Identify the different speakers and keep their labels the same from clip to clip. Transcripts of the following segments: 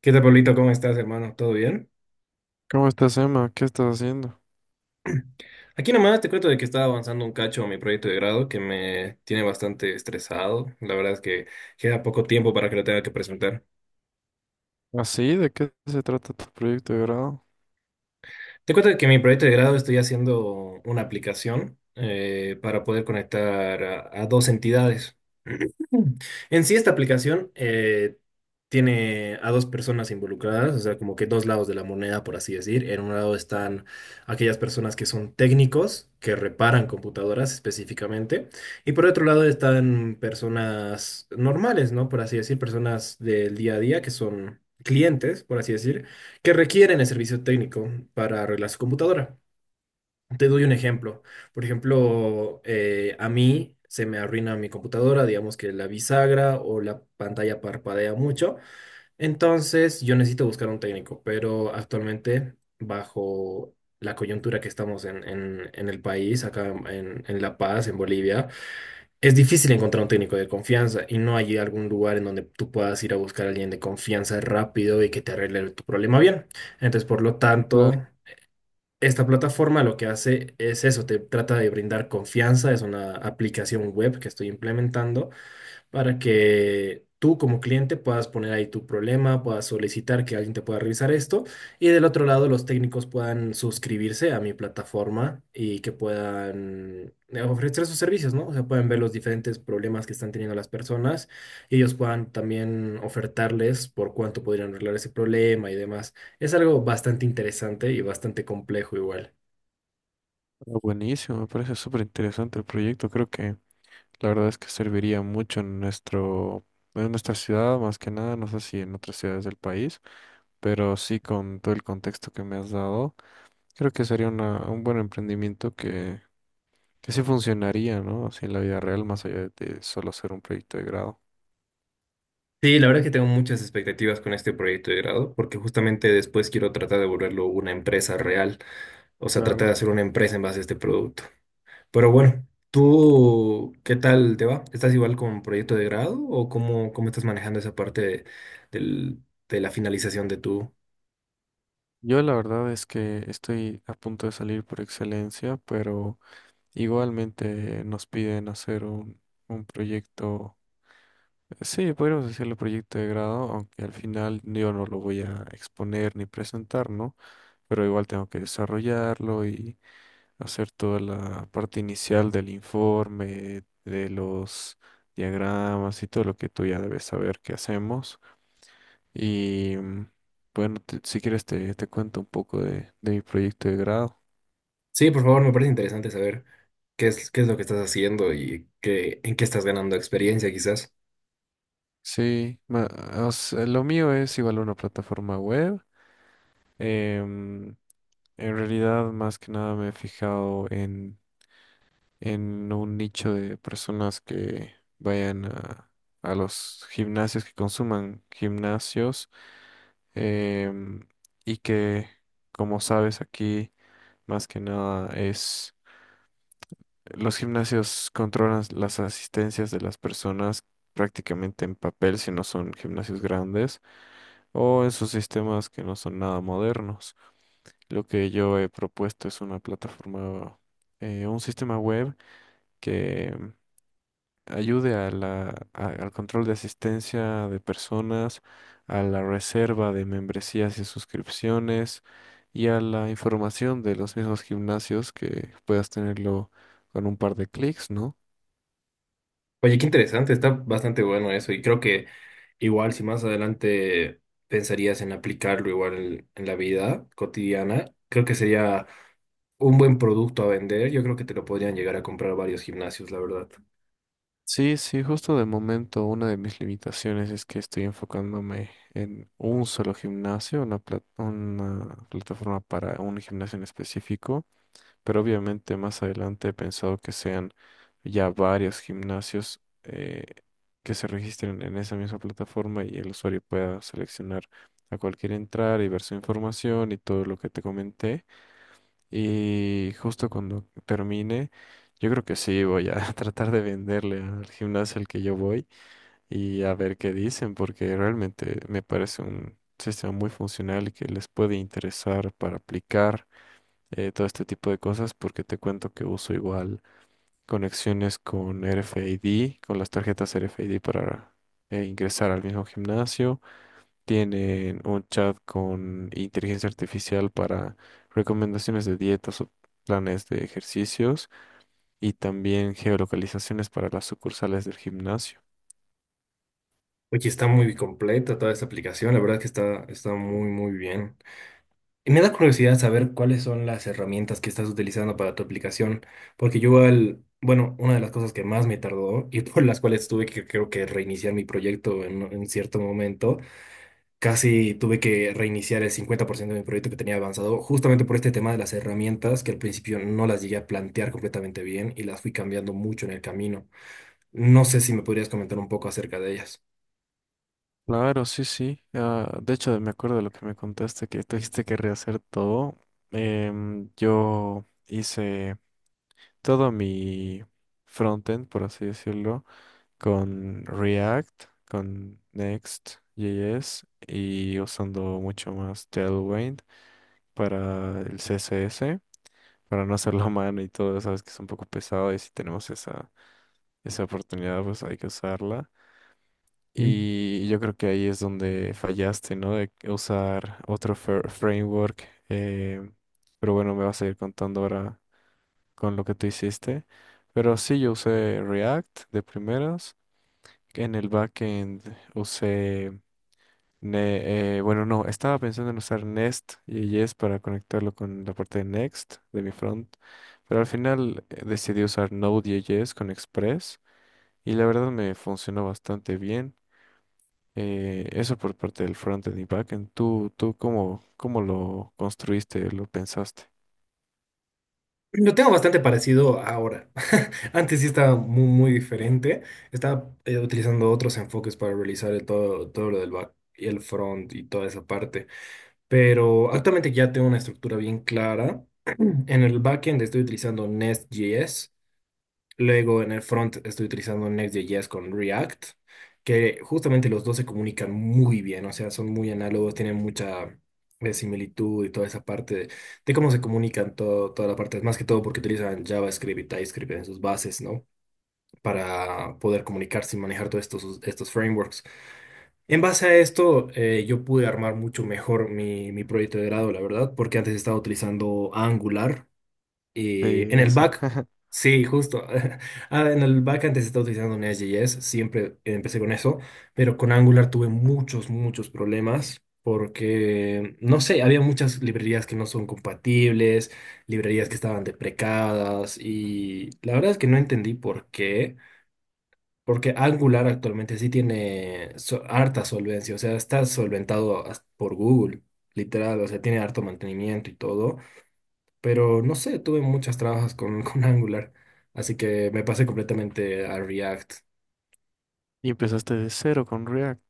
Speaker 1: ¿Qué tal, Pablito? ¿Cómo estás, hermano? ¿Todo bien?
Speaker 2: ¿Cómo estás, Emma? ¿Qué estás haciendo?
Speaker 1: Aquí nomás te cuento de que estaba avanzando un cacho a mi proyecto de grado que me tiene bastante estresado. La verdad es que queda poco tiempo para que lo tenga que presentar.
Speaker 2: ¿Así? ¿De qué se trata tu proyecto de grado?
Speaker 1: Te cuento de que mi proyecto de grado estoy haciendo una aplicación para poder conectar a dos entidades. En sí, esta aplicación tiene a dos personas involucradas, o sea, como que dos lados de la moneda, por así decir. En un lado están aquellas personas que son técnicos, que reparan computadoras específicamente, y por otro lado están personas normales, ¿no? Por así decir, personas del día a día que son clientes, por así decir, que requieren el servicio técnico para arreglar su computadora. Te doy un ejemplo. Por ejemplo, a mí se me arruina mi computadora, digamos que la bisagra o la pantalla parpadea mucho. Entonces, yo necesito buscar un técnico, pero actualmente, bajo la coyuntura que estamos en el país, acá en La Paz, en Bolivia, es difícil encontrar un técnico de confianza y no hay algún lugar en donde tú puedas ir a buscar a alguien de confianza rápido y que te arregle tu problema bien. Entonces, por lo tanto...
Speaker 2: Claro.
Speaker 1: Esta plataforma lo que hace es eso, te trata de brindar confianza, es una aplicación web que estoy implementando para que tú como cliente puedas poner ahí tu problema, puedas solicitar que alguien te pueda revisar esto y del otro lado los técnicos puedan suscribirse a mi plataforma y que puedan ofrecer sus servicios, ¿no? O sea, pueden ver los diferentes problemas que están teniendo las personas y ellos puedan también ofertarles por cuánto podrían arreglar ese problema y demás. Es algo bastante interesante y bastante complejo igual.
Speaker 2: Ah, buenísimo, me parece súper interesante el proyecto. Creo que la verdad es que serviría mucho en nuestro, en nuestra ciudad, más que nada, no sé si en otras ciudades del país, pero sí con todo el contexto que me has dado, creo que sería una, un buen emprendimiento que sí funcionaría, ¿no? Así en la vida real, más allá de solo ser un proyecto de grado.
Speaker 1: Sí, la verdad que tengo muchas expectativas con este proyecto de grado, porque justamente después quiero tratar de volverlo una empresa real. O sea, traté de
Speaker 2: Claro.
Speaker 1: hacer una empresa en base a este producto. Pero bueno, ¿tú qué tal te va? ¿Estás igual con proyecto de grado o cómo, cómo estás manejando esa parte del- de la finalización de tu...
Speaker 2: Yo la verdad es que estoy a punto de salir por excelencia, pero igualmente nos piden hacer un proyecto, sí, podríamos decirle proyecto de grado, aunque al final yo no lo voy a exponer ni presentar, ¿no? Pero igual tengo que desarrollarlo y hacer toda la parte inicial del informe, de los diagramas y todo lo que tú ya debes saber que hacemos. Y bueno, si quieres te, te cuento un poco de mi proyecto de grado.
Speaker 1: Sí, por favor, me parece interesante saber qué es lo que estás haciendo y qué, en qué estás ganando experiencia quizás.
Speaker 2: Sí, o sea, lo mío es igual una plataforma web. Em, en realidad, más que nada me he fijado en un nicho de personas que vayan a los gimnasios, que consuman gimnasios, em, y que, como sabes, aquí más que nada es, los gimnasios controlan las asistencias de las personas prácticamente en papel si no son gimnasios grandes o en sus sistemas que no son nada modernos. Lo que yo he propuesto es una plataforma, un sistema web que ayude a la, al control de asistencia de personas, a la reserva de membresías y suscripciones y a la información de los mismos gimnasios que puedas tenerlo con un par de clics, ¿no?
Speaker 1: Oye, qué interesante, está bastante bueno eso y creo que igual si más adelante pensarías en aplicarlo igual en la vida cotidiana, creo que sería un buen producto a vender, yo creo que te lo podrían llegar a comprar varios gimnasios, la verdad.
Speaker 2: Sí, sí, justo de momento una de mis limitaciones es que estoy enfocándome en un solo gimnasio, una, una plataforma para un gimnasio en específico, pero obviamente más adelante he pensado que sean ya varios gimnasios que se registren en esa misma plataforma y el usuario pueda seleccionar a cualquier entrar y ver su información y todo lo que te comenté. Y justo cuando termine, yo creo que sí, voy a tratar de venderle al gimnasio al que yo voy y a ver qué dicen, porque realmente me parece un sistema muy funcional y que les puede interesar para aplicar todo este tipo de cosas, porque te cuento que uso igual conexiones con RFID, con las tarjetas RFID para ingresar al mismo gimnasio. Tienen un chat con inteligencia artificial para recomendaciones de dietas o planes de ejercicios y también geolocalizaciones para las sucursales del gimnasio.
Speaker 1: Oye, está muy completa toda esta aplicación, la verdad que está, está muy, muy bien. Y me da curiosidad saber cuáles son las herramientas que estás utilizando para tu aplicación, porque yo al, bueno, una de las cosas que más me tardó y por las cuales tuve que, creo que reiniciar mi proyecto en cierto momento, casi tuve que reiniciar el 50% de mi proyecto que tenía avanzado, justamente por este tema de las herramientas que al principio no las llegué a plantear completamente bien y las fui cambiando mucho en el camino. No sé si me podrías comentar un poco acerca de ellas.
Speaker 2: Claro, sí, sí. Ah, de hecho, me acuerdo de lo que me contaste, que tuviste que rehacer todo. Yo hice todo mi frontend, por así decirlo, con React, con Next.js y usando mucho más Tailwind para el CSS, para no hacerlo a mano y todo, sabes que es un poco pesado y si tenemos esa, esa oportunidad, pues hay que usarla.
Speaker 1: ¿Mm?
Speaker 2: Y yo creo que ahí es donde fallaste, ¿no? De usar otro framework. Pero bueno, me vas a ir contando ahora con lo que tú hiciste. Pero sí, yo usé React de primeras. En el backend usé, bueno, no, estaba pensando en usar Nest y Yes para conectarlo con la parte de Next de mi front. Pero al final decidí usar Node.js con Express y la verdad me funcionó bastante bien. Eso por parte del frontend y backend. ¿Tú, tú cómo, cómo lo construiste, lo pensaste?
Speaker 1: Lo tengo bastante parecido ahora. Antes sí estaba muy, muy diferente. Estaba utilizando otros enfoques para realizar el todo, todo lo del back y el front y toda esa parte. Pero actualmente ya tengo una estructura bien clara. En el backend estoy utilizando Nest.js. Luego en el front estoy utilizando Next.js con React, que justamente los dos se comunican muy bien, o sea, son muy análogos, tienen mucha similitud y toda esa parte de cómo se comunican todo, toda la parte, más que todo porque utilizan JavaScript y TypeScript en sus bases, ¿no? Para poder comunicarse y manejar todos estos, estos frameworks. En base a esto, yo pude armar mucho mejor mi, mi proyecto de grado, la verdad, porque antes estaba utilizando Angular y
Speaker 2: Sí,
Speaker 1: en el
Speaker 2: eso.
Speaker 1: back, sí, justo. Ah, en el back antes estaba utilizando Nest.js, siempre empecé con eso, pero con Angular tuve muchos, muchos problemas porque, no sé, había muchas librerías que no son compatibles, librerías que estaban deprecadas y la verdad es que no entendí por qué, porque Angular actualmente sí tiene harta solvencia, o sea, está solventado hasta por Google, literal, o sea, tiene harto mantenimiento y todo. Pero no sé, tuve muchas trabas con, con Angular, así que me pasé completamente a React.
Speaker 2: Y empezaste de cero con React.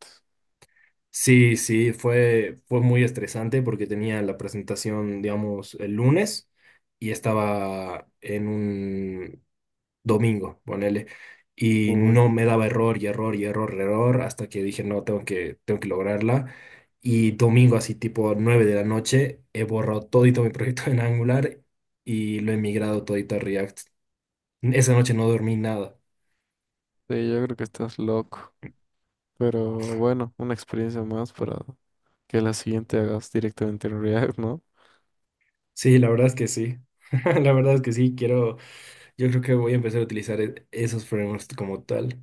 Speaker 1: Sí, sí, fue, fue muy estresante porque tenía la presentación, digamos, el lunes y estaba en un domingo, ponele, y
Speaker 2: Uy.
Speaker 1: no me daba error y error y error, error, hasta que dije, no, tengo que lograrla. Y domingo, así tipo 9 de la noche, he borrado todito mi proyecto en Angular y lo he migrado todito a React. Esa noche no dormí nada.
Speaker 2: Sí, yo creo que estás loco. Pero bueno, una experiencia más para que la siguiente hagas directamente en React, ¿no?
Speaker 1: Sí, la verdad es que sí. La verdad es que sí, quiero, yo creo que voy a empezar a utilizar esos frameworks como tal.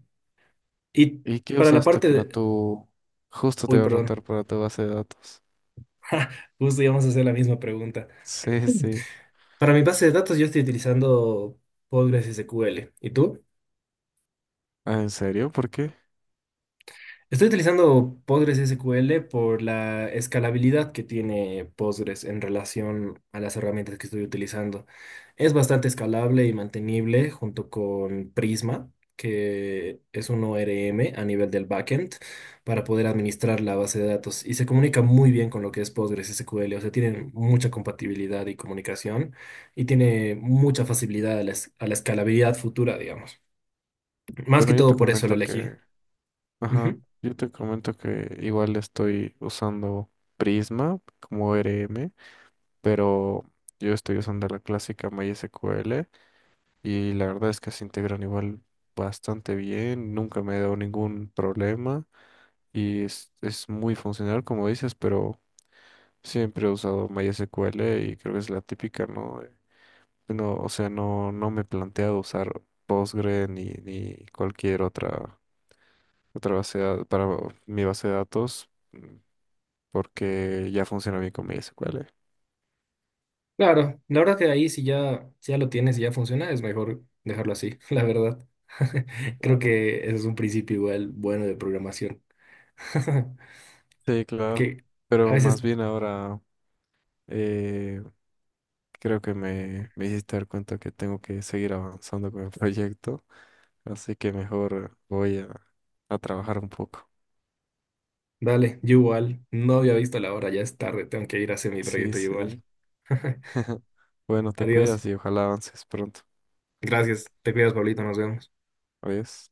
Speaker 1: Y
Speaker 2: ¿Y qué
Speaker 1: para la
Speaker 2: usaste
Speaker 1: parte
Speaker 2: para
Speaker 1: de...
Speaker 2: tu... Justo te
Speaker 1: Uy,
Speaker 2: voy a
Speaker 1: perdón.
Speaker 2: preguntar para tu base de datos.
Speaker 1: Justo íbamos a hacer la misma pregunta.
Speaker 2: Sí, sí.
Speaker 1: Para mi base de datos yo estoy utilizando Postgres SQL. ¿Y tú?
Speaker 2: Ah, ¿en serio? ¿Por qué?
Speaker 1: Estoy utilizando Postgres SQL por la escalabilidad que tiene Postgres en relación a las herramientas que estoy utilizando. Es bastante escalable y mantenible junto con Prisma, que es un ORM a nivel del backend para poder administrar la base de datos y se comunica muy bien con lo que es Postgres SQL, o sea, tienen mucha compatibilidad y comunicación y tiene mucha facilidad a a la escalabilidad futura, digamos. Más que
Speaker 2: Bueno, yo
Speaker 1: todo
Speaker 2: te
Speaker 1: por eso lo
Speaker 2: comento
Speaker 1: elegí.
Speaker 2: que... Ajá. Yo te comento que igual estoy usando Prisma como ERM, pero yo estoy usando la clásica MySQL y la verdad es que se integran igual bastante bien, nunca me he dado ningún problema y es muy funcional como dices, pero siempre he usado MySQL y creo que es la típica, ¿no? De... No, o sea, no, no me he planteado usar Postgre ni, ni cualquier otra, otra base de para mi base de datos, porque ya funciona bien con MySQL.
Speaker 1: Claro, la verdad que ahí si ya lo tienes y ya funciona, es mejor dejarlo así, la verdad. Creo
Speaker 2: Claro.
Speaker 1: que ese es un principio igual bueno de programación.
Speaker 2: Sí, claro.
Speaker 1: Que a
Speaker 2: Pero más
Speaker 1: veces,
Speaker 2: bien ahora eh, creo que me hiciste dar cuenta que tengo que seguir avanzando con el proyecto, así que mejor voy a trabajar un poco.
Speaker 1: dale, yo igual, no había visto la hora, ya es tarde, tengo que ir a hacer mi
Speaker 2: Sí,
Speaker 1: proyecto igual.
Speaker 2: sí. Bueno, te
Speaker 1: Adiós.
Speaker 2: cuidas y ojalá avances pronto.
Speaker 1: Gracias. Te cuidas, Pablito, nos vemos.
Speaker 2: Adiós.